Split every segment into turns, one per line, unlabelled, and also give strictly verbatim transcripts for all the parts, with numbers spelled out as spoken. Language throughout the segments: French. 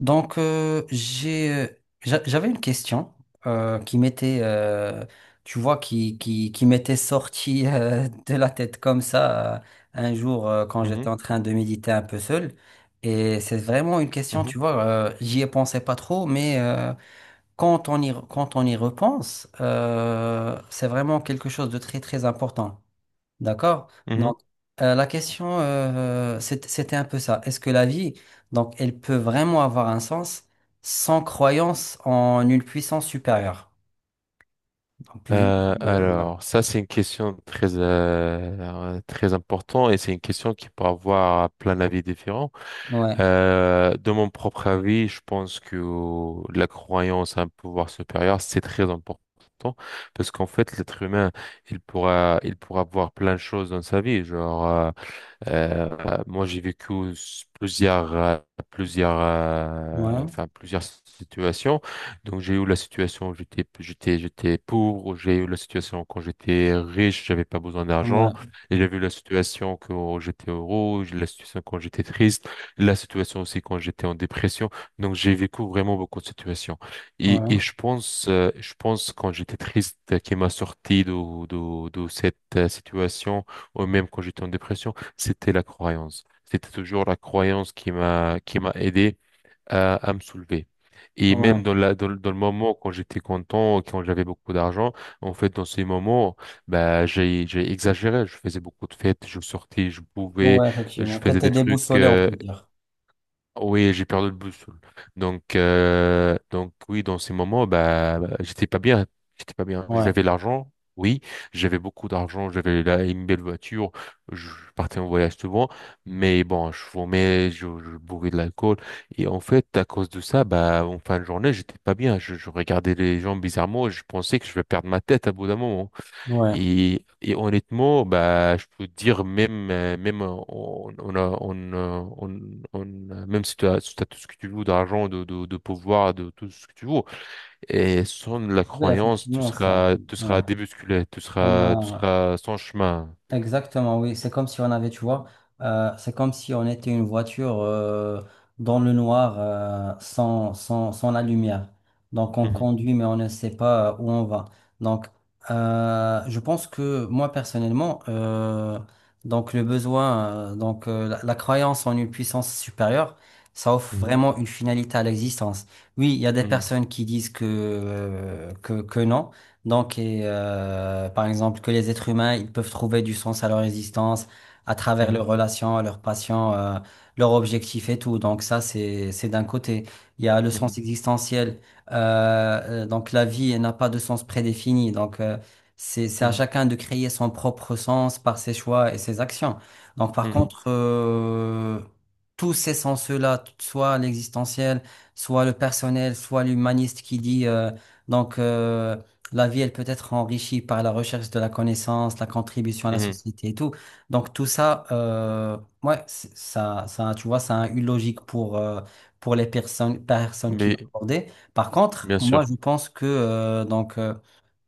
Donc, euh, j'ai, euh, j'a- J'avais une question euh, qui m'était, euh, tu vois, qui, qui, qui m'était sortie euh, de la tête comme ça euh, un jour euh, quand j'étais
Mhm,
en train de méditer un peu seul. Et c'est vraiment une question, tu
mhm,
vois, euh, j'y ai pensé pas trop, mais euh, quand on y, re- quand on y repense, euh, c'est vraiment quelque chose de très, très important. D'accord?
mhm.
Donc, euh, la question, euh, c'est- c'était un peu ça. Est-ce que la vie, donc, elle peut vraiment avoir un sens sans croyance en une puissance supérieure? Donc, vu
Euh,
que, euh,
alors, ça, c'est une question très, euh, très importante et c'est une question qui peut avoir plein d'avis différents.
ouais, ouais,
Euh, de mon propre avis, je pense que la croyance à un pouvoir supérieur, c'est très important parce qu'en fait, l'être humain, il pourra, il pourra voir plein de choses dans sa vie. Genre, euh, Euh, moi, j'ai vécu s- plusieurs, euh, plusieurs, euh,
ouais,
enfin, plusieurs situations. Donc, j'ai eu la situation où j'étais, j'étais, j'étais pauvre. J'ai eu la situation quand j'étais riche, j'avais pas besoin d'argent.
ouais,
Et j'ai vu la situation quand j'étais heureux, j'ai la situation quand j'étais triste, la situation aussi quand j'étais en dépression. Donc, j'ai vécu vraiment beaucoup de situations. Et, et
ouais,
je pense, euh, je pense quand j'étais triste, euh, qui m'a sorti de, de, de cette euh, situation, ou même quand j'étais en dépression, c'était la croyance. C'était toujours la croyance qui m'a qui m'a aidé à, à me soulever. Et même
ouais,
dans la dans, le dans le moment quand j'étais content, quand j'avais beaucoup d'argent, en fait dans ces moments, bah j'ai j'ai exagéré. Je faisais beaucoup de fêtes, je sortais, je pouvais,
ouais,
je
effectivement.
faisais
T'étais
des trucs,
déboussolé, on
euh,
peut dire.
oui, j'ai perdu le boussole. Donc, euh, donc oui, dans ces moments, bah, bah, j'étais pas bien. J'étais pas bien.
Ouais,
J'avais l'argent, oui. J'avais beaucoup d'argent. J'avais là une belle voiture. Je partais en voyage souvent. Mais bon, je fumais, je, je bourrais de l'alcool. Et en fait, à cause de ça, bah, en fin de journée, j'étais pas bien. Je, je regardais les gens bizarrement. et je pensais que je vais perdre ma tête à bout d'un moment.
ouais.
Et, et honnêtement, bah, je peux dire même, euh, même euh, on, on a, on, euh, on, on a- même si tu as, si t'as tout ce que tu veux d'argent, de, de, de pouvoir, de tout ce que tu veux, et sans la
Oui,
croyance, tu
effectivement, ça.
seras, tu seras
Ouais.
débusculé, tu
On
seras, tu
a.
seras sans chemin.
Exactement, oui. C'est comme si on avait, tu vois, euh, c'est comme si on était une voiture euh, dans le noir euh, sans, sans, sans la lumière. Donc on
Mhm,
conduit, mais on ne sait pas euh, où on va. Donc euh, je pense que moi personnellement, euh, donc le besoin, euh, donc euh, la, la croyance en une puissance supérieure, ça offre
mhm,
vraiment une finalité à l'existence. Oui, il y a des
mhm,
personnes qui disent que, euh, que, que non. Donc, et, euh, par exemple, que les êtres humains, ils peuvent trouver du sens à leur existence à travers
mhm,
leurs relations, leurs passions, euh, leurs objectifs et tout. Donc ça, c'est c'est d'un côté. Il y a le sens
mhm,
existentiel. Euh, euh, donc la vie, elle n'a pas de sens prédéfini. Donc euh, c'est c'est à chacun de créer son propre sens par ses choix et ses actions. Donc par
mhm,
contre, euh, tous ces sens-là, soit l'existentiel, soit le personnel, soit l'humaniste qui dit euh, donc. euh, la vie, elle peut être enrichie par la recherche de la connaissance, la contribution à la
mhm, mhm.
société et tout. Donc tout ça, euh, ouais, c'est- ça, ça, tu vois, ça a une logique pour, euh, pour les personnes, personnes qui l'ont
Mais,
abordé. Par contre,
bien
moi,
sûr.
je pense que euh, donc euh,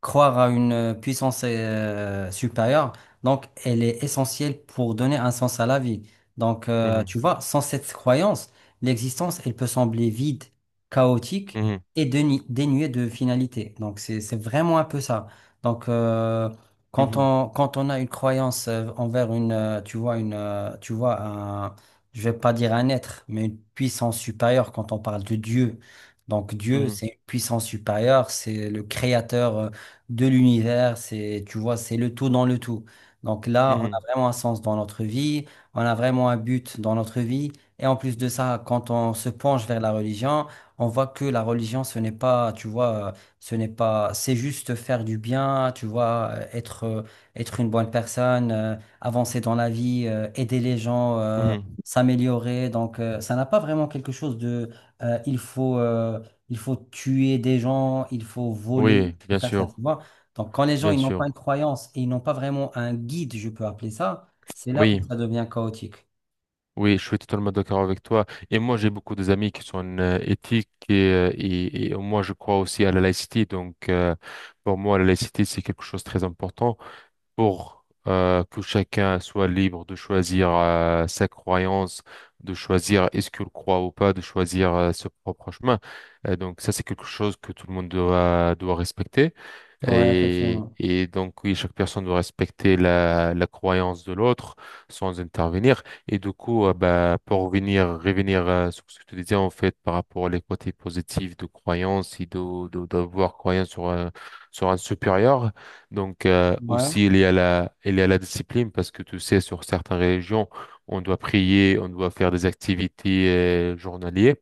croire à une puissance euh, supérieure, donc elle est essentielle pour donner un sens à la vie. Donc euh, tu
Mhm,
vois, sans cette croyance, l'existence, elle peut sembler vide, chaotique
mhm,
et dénu- dénué de finalité. Donc, c'est, c'est vraiment un peu ça. Donc, euh, quand
mhm,
on, quand on a une croyance euh, envers une, euh, tu vois, une, euh, tu vois, un, je vais pas dire un être, mais une puissance supérieure quand on parle de Dieu. Donc, Dieu,
mhm,
c'est une puissance supérieure, c'est le créateur euh, de l'univers, c'est, tu vois, c'est le tout dans le tout. Donc là, on a
mhm,
vraiment un sens dans notre vie, on a vraiment un but dans notre vie. Et en plus de ça, quand on se penche vers la religion, on voit que la religion, ce n'est pas, tu vois, euh, ce n'est pas, c'est juste faire du bien, tu vois, euh, être, euh, être une bonne personne, euh, avancer dans la vie, euh, aider les gens, euh,
mhm.
s'améliorer. Donc, euh, ça n'a pas vraiment quelque chose de, euh, il faut, euh, il faut tuer des gens, il faut voler,
Oui,
il faut
bien
faire ça, tu
sûr,
vois. Donc, quand les gens,
bien
ils n'ont pas une
sûr.
croyance et ils n'ont pas vraiment un guide, je peux appeler ça, c'est là où
Oui.
ça devient chaotique.
Oui, je suis totalement d'accord avec toi. Et moi, j'ai beaucoup des amis qui sont euh, éthiques et, euh, et, et moi, je crois aussi à la laïcité. Donc, euh, pour moi, la laïcité, c'est quelque chose de très important pour euh, que chacun soit libre de choisir euh, sa croyance, de choisir est-ce qu'il croit ou pas, de choisir euh, son propre chemin. Euh, donc, ça, c'est quelque chose que tout le monde doit, doit respecter.
Ouais,
Et,
effectivement.
et donc, oui, chaque personne doit respecter la, la croyance de l'autre sans intervenir. Et du coup, euh, bah, pour revenir, revenir euh, sur ce que tu disais, en fait, par rapport aux côtés positifs de croyance et de, de, d'avoir croyance sur un, sur un supérieur. Donc, euh,
Ouais,
aussi, il y a la, il y a la discipline parce que tu sais, sur certaines religions, on doit prier, on doit faire des activités euh, journalières.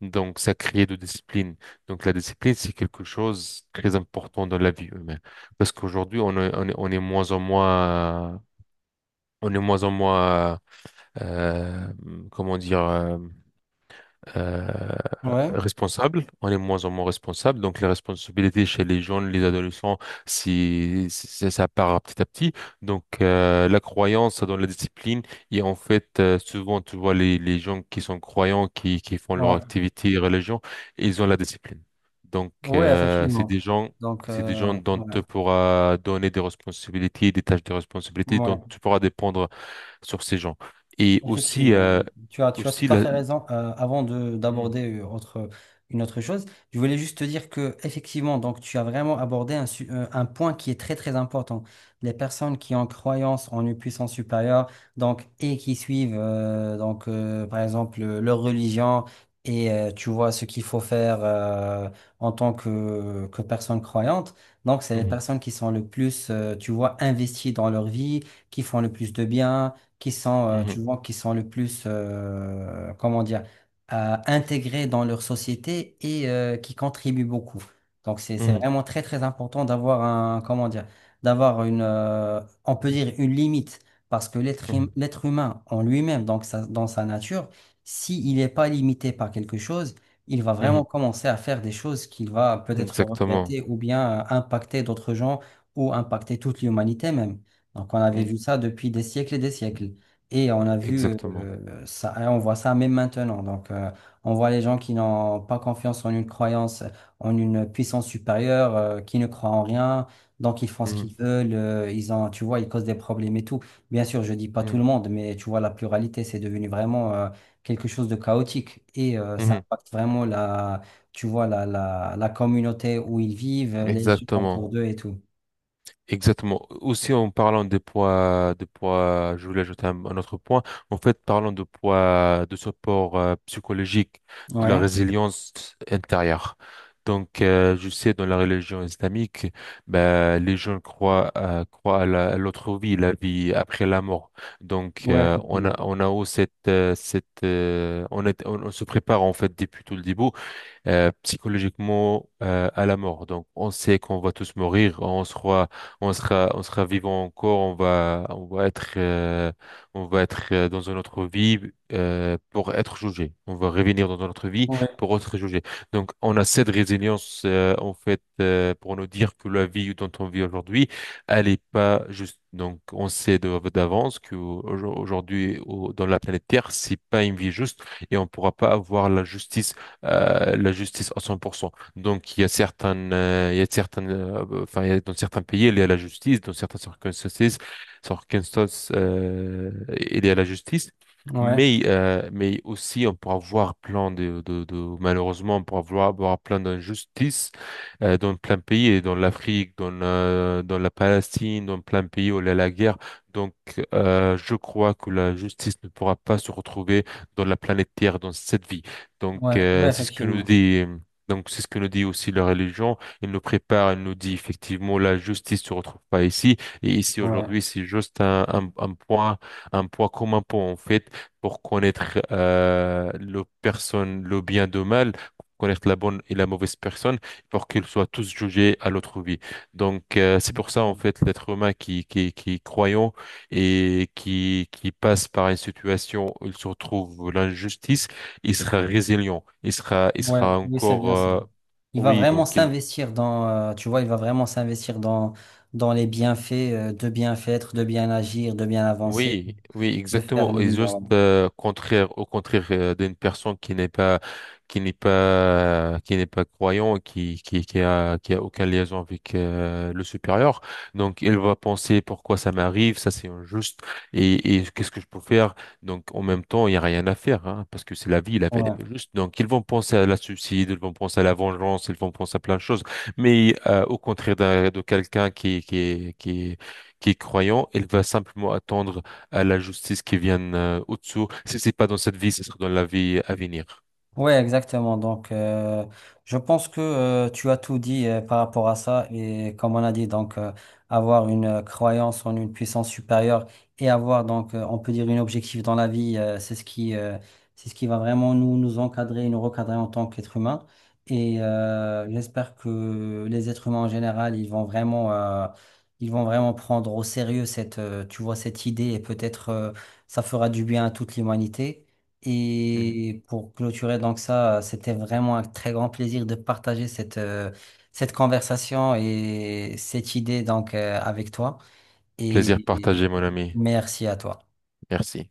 Donc, ça crée de discipline. Donc la discipline, c'est quelque chose de très important dans la vie humaine. Parce qu'aujourd'hui, on est, on est, on est moins en moins, on est moins en moins, euh, comment dire, euh, euh,
ouais,
responsable, on est de moins en moins responsable. Donc les responsabilités chez les jeunes, les adolescents, si, si- si- ça part petit à petit. Donc euh, la croyance dans la discipline et en fait, euh, souvent tu vois les, les gens qui sont croyants, qui, qui font leur
ouais.
activité religion, ils ont la discipline. Donc
Oui,
euh, c'est
effectivement.
des gens
Donc,
C'est des gens
euh,
dont tu
voilà.
pourras donner des responsabilités, des tâches de responsabilité,
Ouais.
dont tu pourras dépendre sur ces gens. Et aussi,
Effectivement,
euh,
tu as, tu as
aussi
tout à
la...
fait raison. Euh, avant de
Mhm.
d'aborder euh, autre, une autre chose, je voulais juste te dire que effectivement, donc tu as vraiment abordé un, su- euh, un point qui est très très important. Les personnes qui ont croyance en une puissance supérieure, donc et qui suivent euh, donc euh, par exemple euh, leur religion et euh, tu vois ce qu'il faut faire euh, en tant que que personne croyante. Donc c'est les
Mhm.
personnes qui sont le plus, euh, tu vois, investies dans leur vie, qui font le plus de bien qui sont, euh, tu
Mhm,
vois, qui sont le plus, euh, comment dire, euh, intégrés dans leur société et euh, qui contribuent beaucoup. Donc, c'est, c'est
mhm,
vraiment très, très important d'avoir un, comment dire, d'avoir une, euh, on peut dire une limite, parce que l'être hum-
mhm,
l'être humain en lui-même, donc sa- dans sa nature, s'il n'est pas limité par quelque chose, il va
mhm.
vraiment commencer à faire des choses qu'il va peut-être
Exactement.
regretter ou bien euh, impacter d'autres gens ou impacter toute l'humanité même. Donc, on avait
Mm.
vu ça depuis des siècles et des siècles. Et on a vu
Exactement.
euh, ça, et on voit ça même maintenant. Donc, euh, on voit les gens qui n'ont pas confiance en une croyance, en une puissance supérieure, euh, qui ne croient en rien. Donc, ils font ce
Mhm,
qu'ils veulent. Euh, ils ont, tu vois, ils causent des problèmes et tout. Bien sûr, je dis pas tout le
mhm,
monde, mais tu vois, la pluralité, c'est devenu vraiment euh, quelque chose de chaotique. Et euh, ça
mhm.
impacte vraiment la, tu vois, la, la, la communauté où ils vivent, les gens autour
Exactement.
d'eux et tout.
Exactement. Aussi, en parlant des poids, de poids, je voulais ajouter un, un autre point. En fait, parlant de poids, de support euh, psychologique, de la
Ouais,
résilience intérieure. Donc, euh, je sais, dans la religion islamique, ben, les gens croient, euh, croient à la- à l'autre vie, la vie après la mort. Donc,
ouais,
euh, on
effectivement.
a, on a aussi cette, euh, cette, euh, on est, on, on se prépare, en fait, depuis tout le début, euh, psychologiquement, euh, à la mort. Donc, on sait qu'on va tous mourir, on sera, on sera, on sera vivant encore, on va, on va être, euh, on va être, euh, dans une autre vie, euh, pour être jugé. On va revenir dans une autre vie pour être jugé. Donc, on a cette résilience, euh, en fait euh, pour nous dire que la vie dont on vit aujourd'hui, elle est pas juste. Donc, on sait de- d'avance que au- aujourd'hui, au- dans la planète Terre, c'est pas une vie juste et on pourra pas avoir la justice, euh, la justice à cent pour cent. Donc, il y a certaines, euh, il y a certaines, euh, enfin, il y a, dans certains pays, il y a la justice, dans certaines circonstances, circonstances, euh, il y a la justice.
Ouais,
Mais, euh, mais aussi, on pourra voir plein de, de, de- malheureusement, on pourra voir, voir plein d'injustices, euh, dans plein de pays, et dans l'Afrique, dans, la- dans la Palestine, dans plein de pays où il y a la guerre. Donc, euh, je crois que la justice ne pourra pas se retrouver dans la planète Terre dans cette vie. Donc,
ouais, ouais,
euh, c'est ce que nous
effectivement.
dit, donc c'est ce que nous dit aussi la religion. Elle nous prépare, elle nous dit effectivement la justice se retrouve pas ici. Et ici
Ouais.
aujourd'hui, c'est juste un, un, un point, un point comme un point en fait pour connaître, euh, le personne, le bien de mal, pour connaître la bonne et la mauvaise personne, pour qu'ils soient tous jugés à l'autre vie. Donc, euh, c'est pour ça en fait l'être humain qui qui qui est croyant et qui qui passe par une situation où il se retrouve l'injustice, il sera résilient, il sera, il
Ouais,
sera
oui, c'est
encore,
bien ça.
euh,
Il va
oui,
vraiment
donc il,
s'investir dans, euh, tu vois, il va vraiment s'investir dans, dans les bienfaits, euh, de bien faire, de bien agir, de bien avancer,
oui, oui,
de faire
exactement.
le
Et
mieux.
juste, euh, contraire, au contraire, euh, d'une personne qui n'est pas, qui n'est pas, qui n'est pas croyant, qui, qui, qui a, qui a aucun liaison avec, euh, le supérieur. Donc, elle va penser pourquoi ça m'arrive, ça c'est injuste, et, et qu'est-ce que je peux faire? Donc, en même temps, il y a rien à faire, hein, parce que c'est la vie, la vie, elle est
Ouais.
pas juste. Donc, ils vont penser à la suicide, ils vont penser à la vengeance, ils vont penser à plein de choses. Mais, euh, au contraire d'un, de quelqu'un qui, qui, qui qui est croyant, elle va simplement attendre à la justice qui vienne, euh, au-dessous. Si c'est pas dans cette vie, ce sera dans la vie à venir.
Ouais, exactement. Donc, euh, je pense que euh, tu as tout dit euh, par rapport à ça. Et comme on a dit, donc, euh, avoir une euh, croyance en une puissance supérieure et avoir, donc, euh, on peut dire, une objectif dans la vie, euh, c'est ce qui, euh, c'est ce qui va vraiment nous, nous encadrer et nous recadrer en tant qu'être humain. Et euh, j'espère que les êtres humains en général, ils vont vraiment, euh, ils vont vraiment prendre au sérieux cette, euh, tu vois, cette idée et peut-être euh, ça fera du bien à toute l'humanité.
Mhm.
Et pour clôturer donc ça, euh, c'était vraiment un très grand plaisir de partager cette, euh, cette conversation et cette idée donc euh, avec toi. Et
Plaisir
et
partagé, mon ami.
merci à toi.
Merci.